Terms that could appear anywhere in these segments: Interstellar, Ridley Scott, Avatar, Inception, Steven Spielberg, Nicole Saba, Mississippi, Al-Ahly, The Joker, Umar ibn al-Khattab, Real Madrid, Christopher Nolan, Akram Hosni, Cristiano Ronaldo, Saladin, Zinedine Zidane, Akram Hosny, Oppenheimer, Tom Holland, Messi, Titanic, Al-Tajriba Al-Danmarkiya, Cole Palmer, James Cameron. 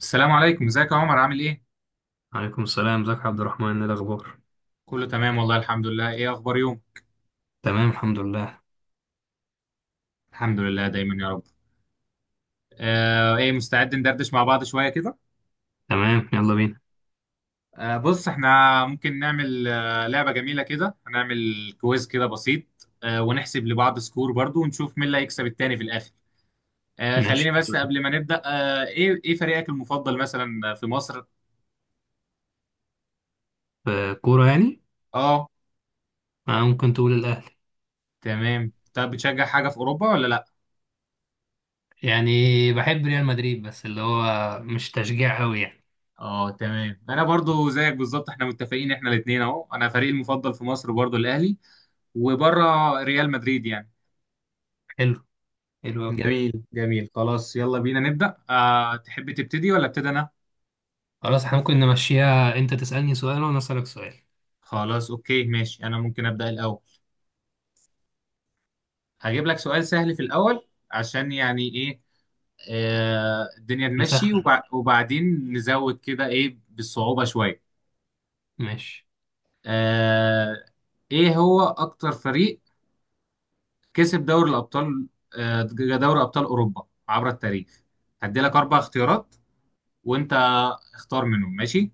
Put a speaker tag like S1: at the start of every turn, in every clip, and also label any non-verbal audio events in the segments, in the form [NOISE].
S1: السلام عليكم، ازيك يا عمر؟ عامل ايه؟
S2: عليكم السلام، ازيك يا عبد الرحمن؟ ايه الاخبار؟
S1: كله تمام والله، الحمد لله. ايه اخبار يوم؟
S2: تمام الحمد لله.
S1: الحمد لله دايما يا رب. ايه، مستعد ندردش مع بعض شوية كده؟
S2: تمام، يلا بينا.
S1: بص، احنا ممكن نعمل لعبة جميلة كده. هنعمل كويز كده بسيط، ونحسب لبعض سكور برضو، ونشوف مين اللي هيكسب التاني في الاخر.
S2: ماشي.
S1: خليني بس قبل ما نبدأ، ايه فريقك المفضل مثلا في مصر؟
S2: في كورة يعني؟
S1: اه
S2: ممكن تقول الاهلي.
S1: تمام. طب بتشجع حاجة في اوروبا ولا لا؟
S2: يعني بحب ريال مدريد، بس اللي هو مش تشجيع قوي يعني.
S1: اه تمام، انا برضو زيك بالظبط، احنا متفقين، احنا الاثنين اهو. انا فريقي المفضل في مصر برضو الاهلي، وبره ريال مدريد يعني.
S2: حلو. حلو
S1: جميل
S2: قوي.
S1: جميل جميل، خلاص يلا بينا نبدأ. تحب تبتدي ولا ابتدي أنا؟
S2: خلاص، احنا ممكن نمشيها، انت تسألني سؤال وانا اسألك سؤال.
S1: خلاص أوكي ماشي، أنا ممكن أبدأ الأول. هجيب لك سؤال سهل في الأول عشان يعني إيه، الدنيا تمشي،
S2: نسخن.
S1: وبعدين نزود كده إيه بالصعوبة شوية.
S2: ماشي.
S1: آه إيه هو أكتر فريق كسب دوري الأبطال، آه دوري أبطال أوروبا عبر التاريخ؟ هدي لك أربع اختيارات وأنت اختار منهم، ماشي.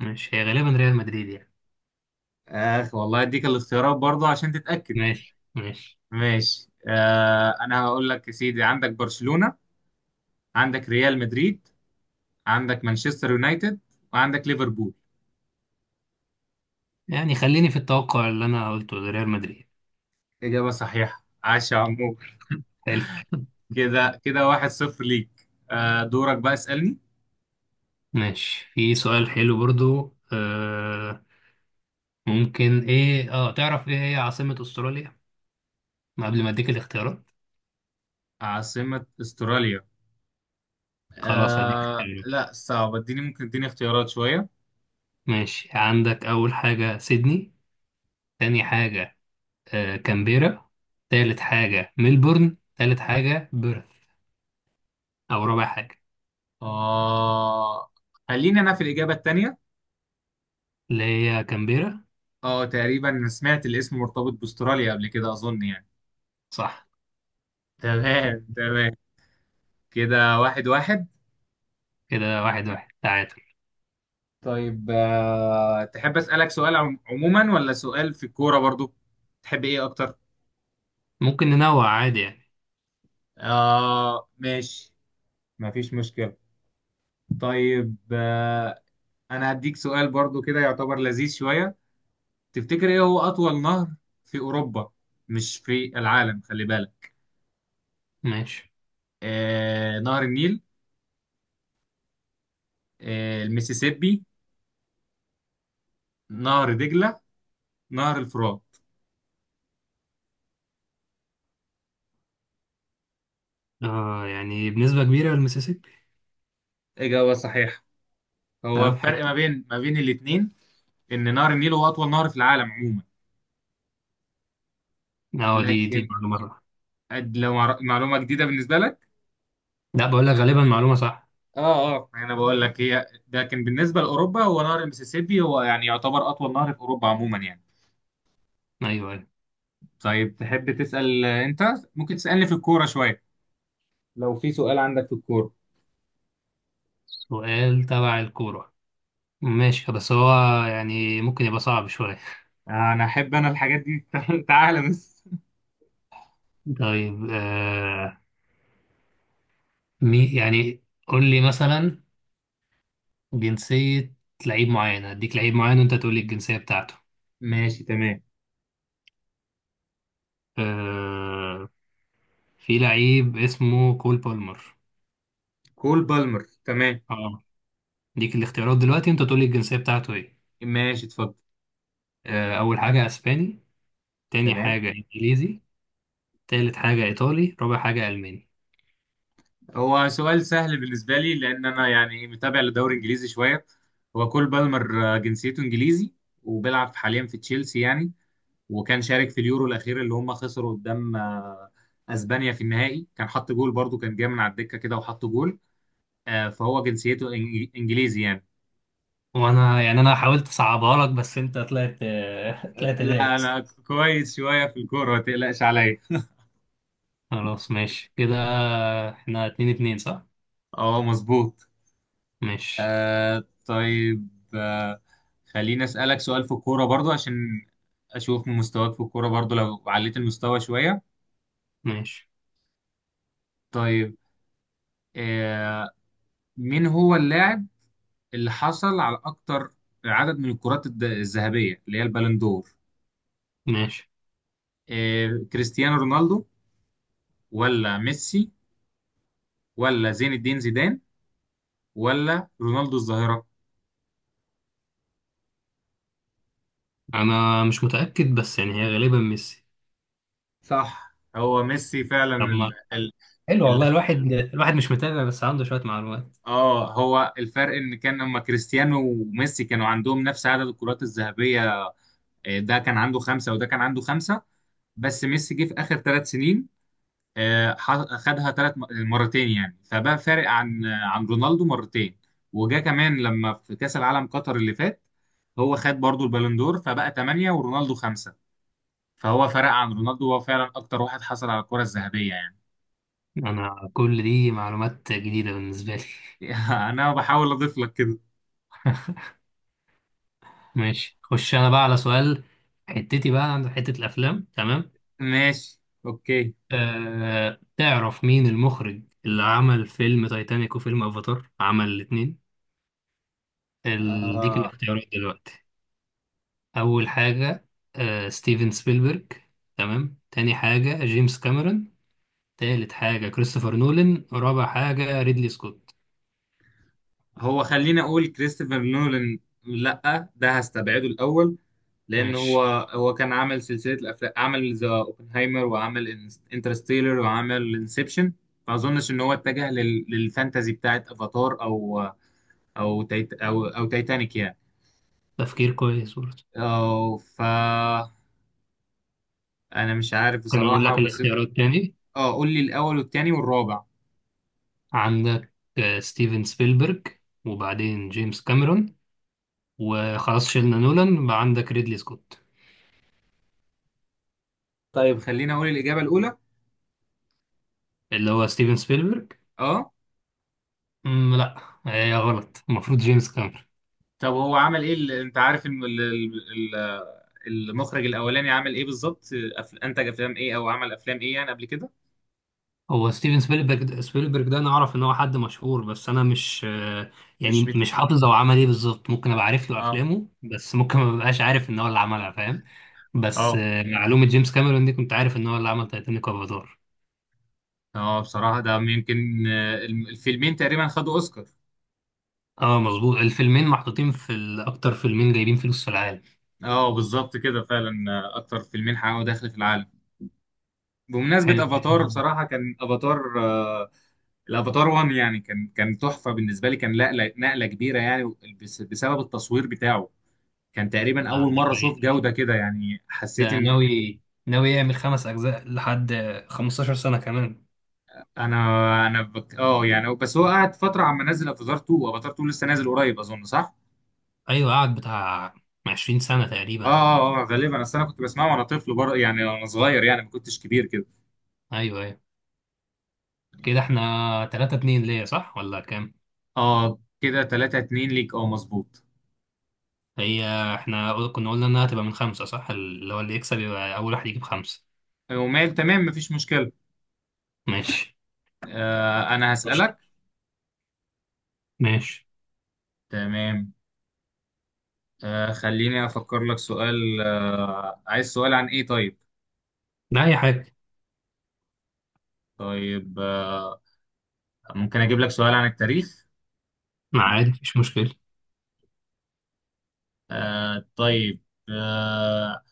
S2: ماشي، هي غالبا ريال مدريد يعني.
S1: اخ والله، اديك الاختيارات برضه عشان تتأكد.
S2: ماشي ماشي.
S1: ماشي، انا هقول لك يا سيدي: عندك برشلونة، عندك ريال مدريد، عندك مانشستر يونايتد، وعندك ليفربول.
S2: يعني خليني في التوقع اللي انا قلته لريال مدريد.
S1: إجابة صحيحة، عاش يا عمو.
S2: حلو.
S1: كده كده 1-0 ليك. دورك بقى اسألني.
S2: ماشي، في سؤال حلو برضو. ممكن ايه اه تعرف ايه هي عاصمة استراليا؟ ما قبل ما اديك الاختيارات.
S1: عاصمة استراليا؟
S2: خلاص هديك اختيارات.
S1: لا صعب، اديني، ممكن اديني اختيارات شوية.
S2: ماشي، عندك اول حاجة سيدني، تاني حاجة كامبيرا، تالت حاجة ملبورن، تالت حاجة بيرث، او رابع حاجة.
S1: آه خليني انا في الإجابة التانية.
S2: اللي هي كامبيرا.
S1: اه، تقريبا سمعت الاسم مرتبط باستراليا قبل كده، اظن يعني.
S2: صح.
S1: تمام تمام. كده 1-1.
S2: كده 1-1 تعادل.
S1: طيب، تحب أسألك سؤال عموما ولا سؤال في الكورة برضو؟ تحب ايه اكتر؟
S2: ممكن ننوع عادي يعني.
S1: ماشي، مفيش مشكلة. طيب، انا هديك سؤال برضو كده يعتبر لذيذ شوية. تفتكر ايه هو اطول نهر في اوروبا؟ مش في العالم، خلي بالك.
S2: ماشي.
S1: نهر النيل، المسيسيبي، نهر دجلة، نهر الفرات.
S2: اه يعني بنسبة كبيرة المسيسيبي.
S1: إجابة صحيحة. هو
S2: تمام حلو.
S1: الفرق ما بين الاتنين إن نهر النيل هو أطول نهر في العالم عموما،
S2: اه دي
S1: لكن
S2: معلومة صح.
S1: معلومة جديدة بالنسبة لك.
S2: لا، بقول لك غالبا معلومة صح.
S1: اه اه، انا بقول لك هي، لكن بالنسبة لأوروبا هو نهر المسيسيبي هو يعني يعتبر أطول نهر في أوروبا عموما يعني.
S2: ايوه ايوه.
S1: طيب، تحب تسأل أنت؟ ممكن تسألني في الكورة شوية، لو في سؤال عندك في الكورة.
S2: سؤال تبع الكورة. ماشي بس هو يعني ممكن يبقى صعب شوية.
S1: انا احب انا الحاجات دي [LAUGHS] تعالى بس.
S2: [LAUGHS] طيب. يعني قول لي مثلا جنسية لعيب معين، هديك لعيب معين وانت تقول لي الجنسية بتاعته.
S1: ماشي تمام.
S2: آه في لعيب اسمه كول بالمر.
S1: كول بالمر، تمام.
S2: اه، اديك الاختيارات دلوقتي انت تقول لي الجنسية بتاعته ايه.
S1: ماشي اتفضل.
S2: اول حاجة اسباني، تاني
S1: تمام.
S2: حاجة انجليزي، تالت حاجة ايطالي، رابع حاجة الماني.
S1: هو سؤال سهل بالنسبة لي، لأن أنا يعني متابع للدوري الإنجليزي شوية. هو كول بالمر جنسيته إنجليزي، وبيلعب حاليا في تشيلسي يعني، وكان شارك في اليورو الاخير اللي هم خسروا قدام اسبانيا في النهائي. كان حط جول برضو، كان جاي من على الدكه كده وحط جول. فهو جنسيته انجليزي يعني.
S2: وانا يعني انا حاولت اصعبها لك بس انت طلعت. [LAUGHS] طلعت
S1: لا
S2: دارس.
S1: انا كويس شويه في الكوره، ما تقلقش عليا.
S2: خلاص ماشي كده، احنا 2-2 صح؟
S1: اه مظبوط.
S2: ماشي.
S1: طيب، آه، خليني اسالك سؤال في الكوره برضو عشان اشوف من مستواك في الكوره برضو، لو عليت المستوى شويه.
S2: ماشي.
S1: طيب، آه، مين هو اللاعب اللي حصل على اكتر عدد من الذهبيه اللي هي البالندور؟
S2: ماشي.
S1: كريستيانو رونالدو، ولا ميسي، ولا زين الدين زيدان، ولا رونالدو الظاهرة؟
S2: انا مش متأكد بس يعني هي غالبا ميسي.
S1: صح، هو ميسي فعلا.
S2: طب ما حلو والله،
S1: ال...
S2: الواحد مش متابع بس عنده شوية معلومات.
S1: اه هو الفرق ان كان لما كريستيانو وميسي كانوا عندهم نفس عدد الكرات الذهبية. ده كان عنده خمسة وده كان عنده خمسة، بس ميسي جه في آخر 3 سنين، خدها ثلاث مرتين يعني، فبقى فارق عن رونالدو مرتين. وجا كمان لما في كأس العالم قطر اللي فات، هو خد برضو البالندور، فبقى ثمانية ورونالدو خمسة، فهو فرق عن رونالدو، هو فعلا أكتر واحد حصل على الكرة الذهبية يعني.
S2: انا كل دي معلومات جديدة بالنسبة لي.
S1: [LAUGHS] أنا بحاول أضيف لك كده.
S2: [LAUGHS] ماشي، خش انا بقى على سؤال. بقى عند حتة الافلام. تمام.
S1: ماشي أوكي.
S2: تعرف مين المخرج اللي عمل فيلم تايتانيك وفيلم افاتار؟ عمل الاتنين. ديك
S1: آه.
S2: الاختيارات دلوقتي. أول حاجة ستيفن سبيلبرج، تمام، تاني حاجة جيمس كاميرون، تالت حاجة كريستوفر نولان، رابع حاجة ريدلي سكوت.
S1: هو خليني اقول كريستوفر نولان، لا ده هستبعده الاول، لان هو
S2: ماشي.
S1: هو كان عامل سلسله الافلام، عمل ذا اوبنهايمر وعمل انترستيلر وعمل انسبشن، ما اظنش ان هو اتجه للفانتازي بتاعت افاتار، او او تيت او او تايتانيك يعني.
S2: تفكير كويس برضه.
S1: أو ف انا مش عارف
S2: كان يقول
S1: بصراحه
S2: لك
S1: بس.
S2: الاختيارات تاني.
S1: اه قول لي الاول والتاني والرابع.
S2: عندك ستيفن سبيلبرج، وبعدين جيمس كاميرون، وخلاص شلنا نولان، بقى عندك ريدلي سكوت.
S1: طيب خليني اقول الاجابه الاولى.
S2: اللي هو ستيفن سبيلبرج.
S1: اه.
S2: مم، لا. هي غلط، المفروض جيمس كاميرون.
S1: طب هو عمل ايه، انت عارف ان المخرج الاولاني عمل ايه بالظبط، انتج افلام ايه او عمل افلام ايه يعني قبل كده؟
S2: هو ستيفن سبيلبرج ده انا اعرف ان هو حد مشهور بس انا مش يعني
S1: مش مت...
S2: مش حافظ هو عمل ايه بالظبط، ممكن ابقى عارف له
S1: اه
S2: افلامه بس ممكن ما ببقاش عارف ان هو اللي عملها، فاهم. بس
S1: اه
S2: معلومة جيمس كاميرون دي كنت عارف ان هو اللي عمل تايتانيك وافاتار.
S1: اه، بصراحة ده يمكن الفيلمين تقريبا خدوا اوسكار.
S2: اه مظبوط، الفيلمين محطوطين في اكتر فيلمين جايبين فلوس في العالم.
S1: اه بالظبط كده فعلا، اكتر فيلمين حققوا دخل في العالم.
S2: حلو.
S1: بمناسبة افاتار، بصراحة كان افاتار، الافاتار 1 يعني كان تحفة بالنسبة لي، كان نقلة نقلة كبيرة يعني، بسبب التصوير بتاعه. كان تقريبا اول
S2: ده
S1: مرة اشوف
S2: حقيقة.
S1: جودة كده، يعني حسيت
S2: ده
S1: ان
S2: ناوي يعمل خمس اجزاء لحد 15 سنة كمان.
S1: انا انا اه يعني، بس هو قعد فتره عم نزل افاتار 2، لسه نازل قريب اظن، صح؟
S2: ايوه، قعد بتاع 20 سنة
S1: اه
S2: تقريبا.
S1: اه اه، غالبا اصل انا كنت بسمعه وانا طفل يعني وانا صغير يعني، ما كنتش كبير كده.
S2: ايوه ايوه. كده احنا 3-2 ليا صح ولا كام؟
S1: اه كده 3-2 ليك، اه مظبوط.
S2: هي احنا كنا قلنا انها تبقى من خمسة صح، اللي هو اللي يكسب يبقى اول واحد يجيب خمسة.
S1: ومال، تمام مفيش مشكله.
S2: ماشي.
S1: انا
S2: ماشي.
S1: هسألك.
S2: ماشي.
S1: تمام. خليني افكر لك سؤال، عايز سؤال عن ايه طيب؟
S2: لا اي حاجة.
S1: طيب، ممكن اجيب لك سؤال عن التاريخ.
S2: ما عادي مفيش مشكلة.
S1: طيب، آه،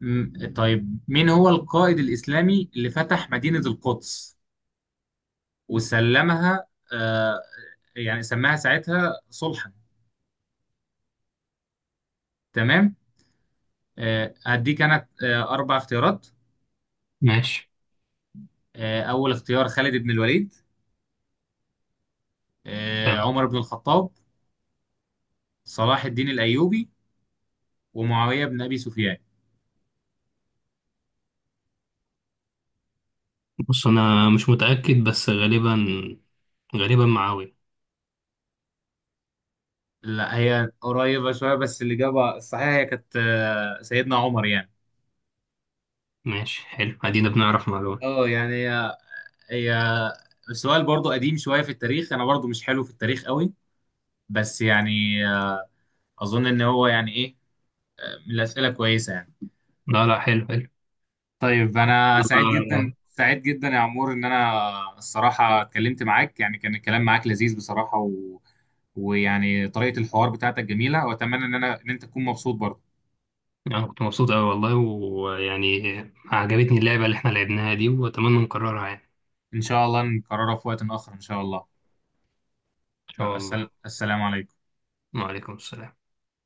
S1: طيب مين هو القائد الإسلامي اللي فتح مدينة القدس وسلمها، آه يعني سماها ساعتها صلحا. تمام. هديك أنا أربع اختيارات:
S2: ماشي
S1: أول اختيار خالد بن الوليد،
S2: تمام.
S1: عمر بن الخطاب، صلاح الدين الأيوبي، ومعاوية بن أبي سفيان.
S2: بص انا مش متأكد بس غالبا، غالبا معاوية.
S1: لا، هي قريبة شوية، بس الإجابة الصحيحة هي كانت سيدنا عمر يعني.
S2: ماشي، حلو، ادينا بنعرف معلومة.
S1: اه يعني، هي السؤال برضو قديم شوية في التاريخ، أنا برضو مش حلو في التاريخ قوي، بس يعني اظن ان هو يعني ايه، من الاسئله كويسه يعني.
S2: لا لا، حلو حلو.
S1: طيب، انا سعيد جدا
S2: انا
S1: سعيد جدا يا عمور، ان انا الصراحه اتكلمت معاك، يعني كان الكلام معاك لذيذ بصراحه ويعني طريقه الحوار بتاعتك جميله، واتمنى ان انا ان انت تكون مبسوط برضه.
S2: أنا كنت مبسوط اوي والله، ويعني عجبتني اللعبة اللي احنا لعبناها دي واتمنى نكررها يعني.
S1: ان شاء الله نكررها في وقت اخر ان شاء الله.
S2: ان
S1: يلا،
S2: شاء الله.
S1: السلام عليكم.
S2: وعليكم السلام.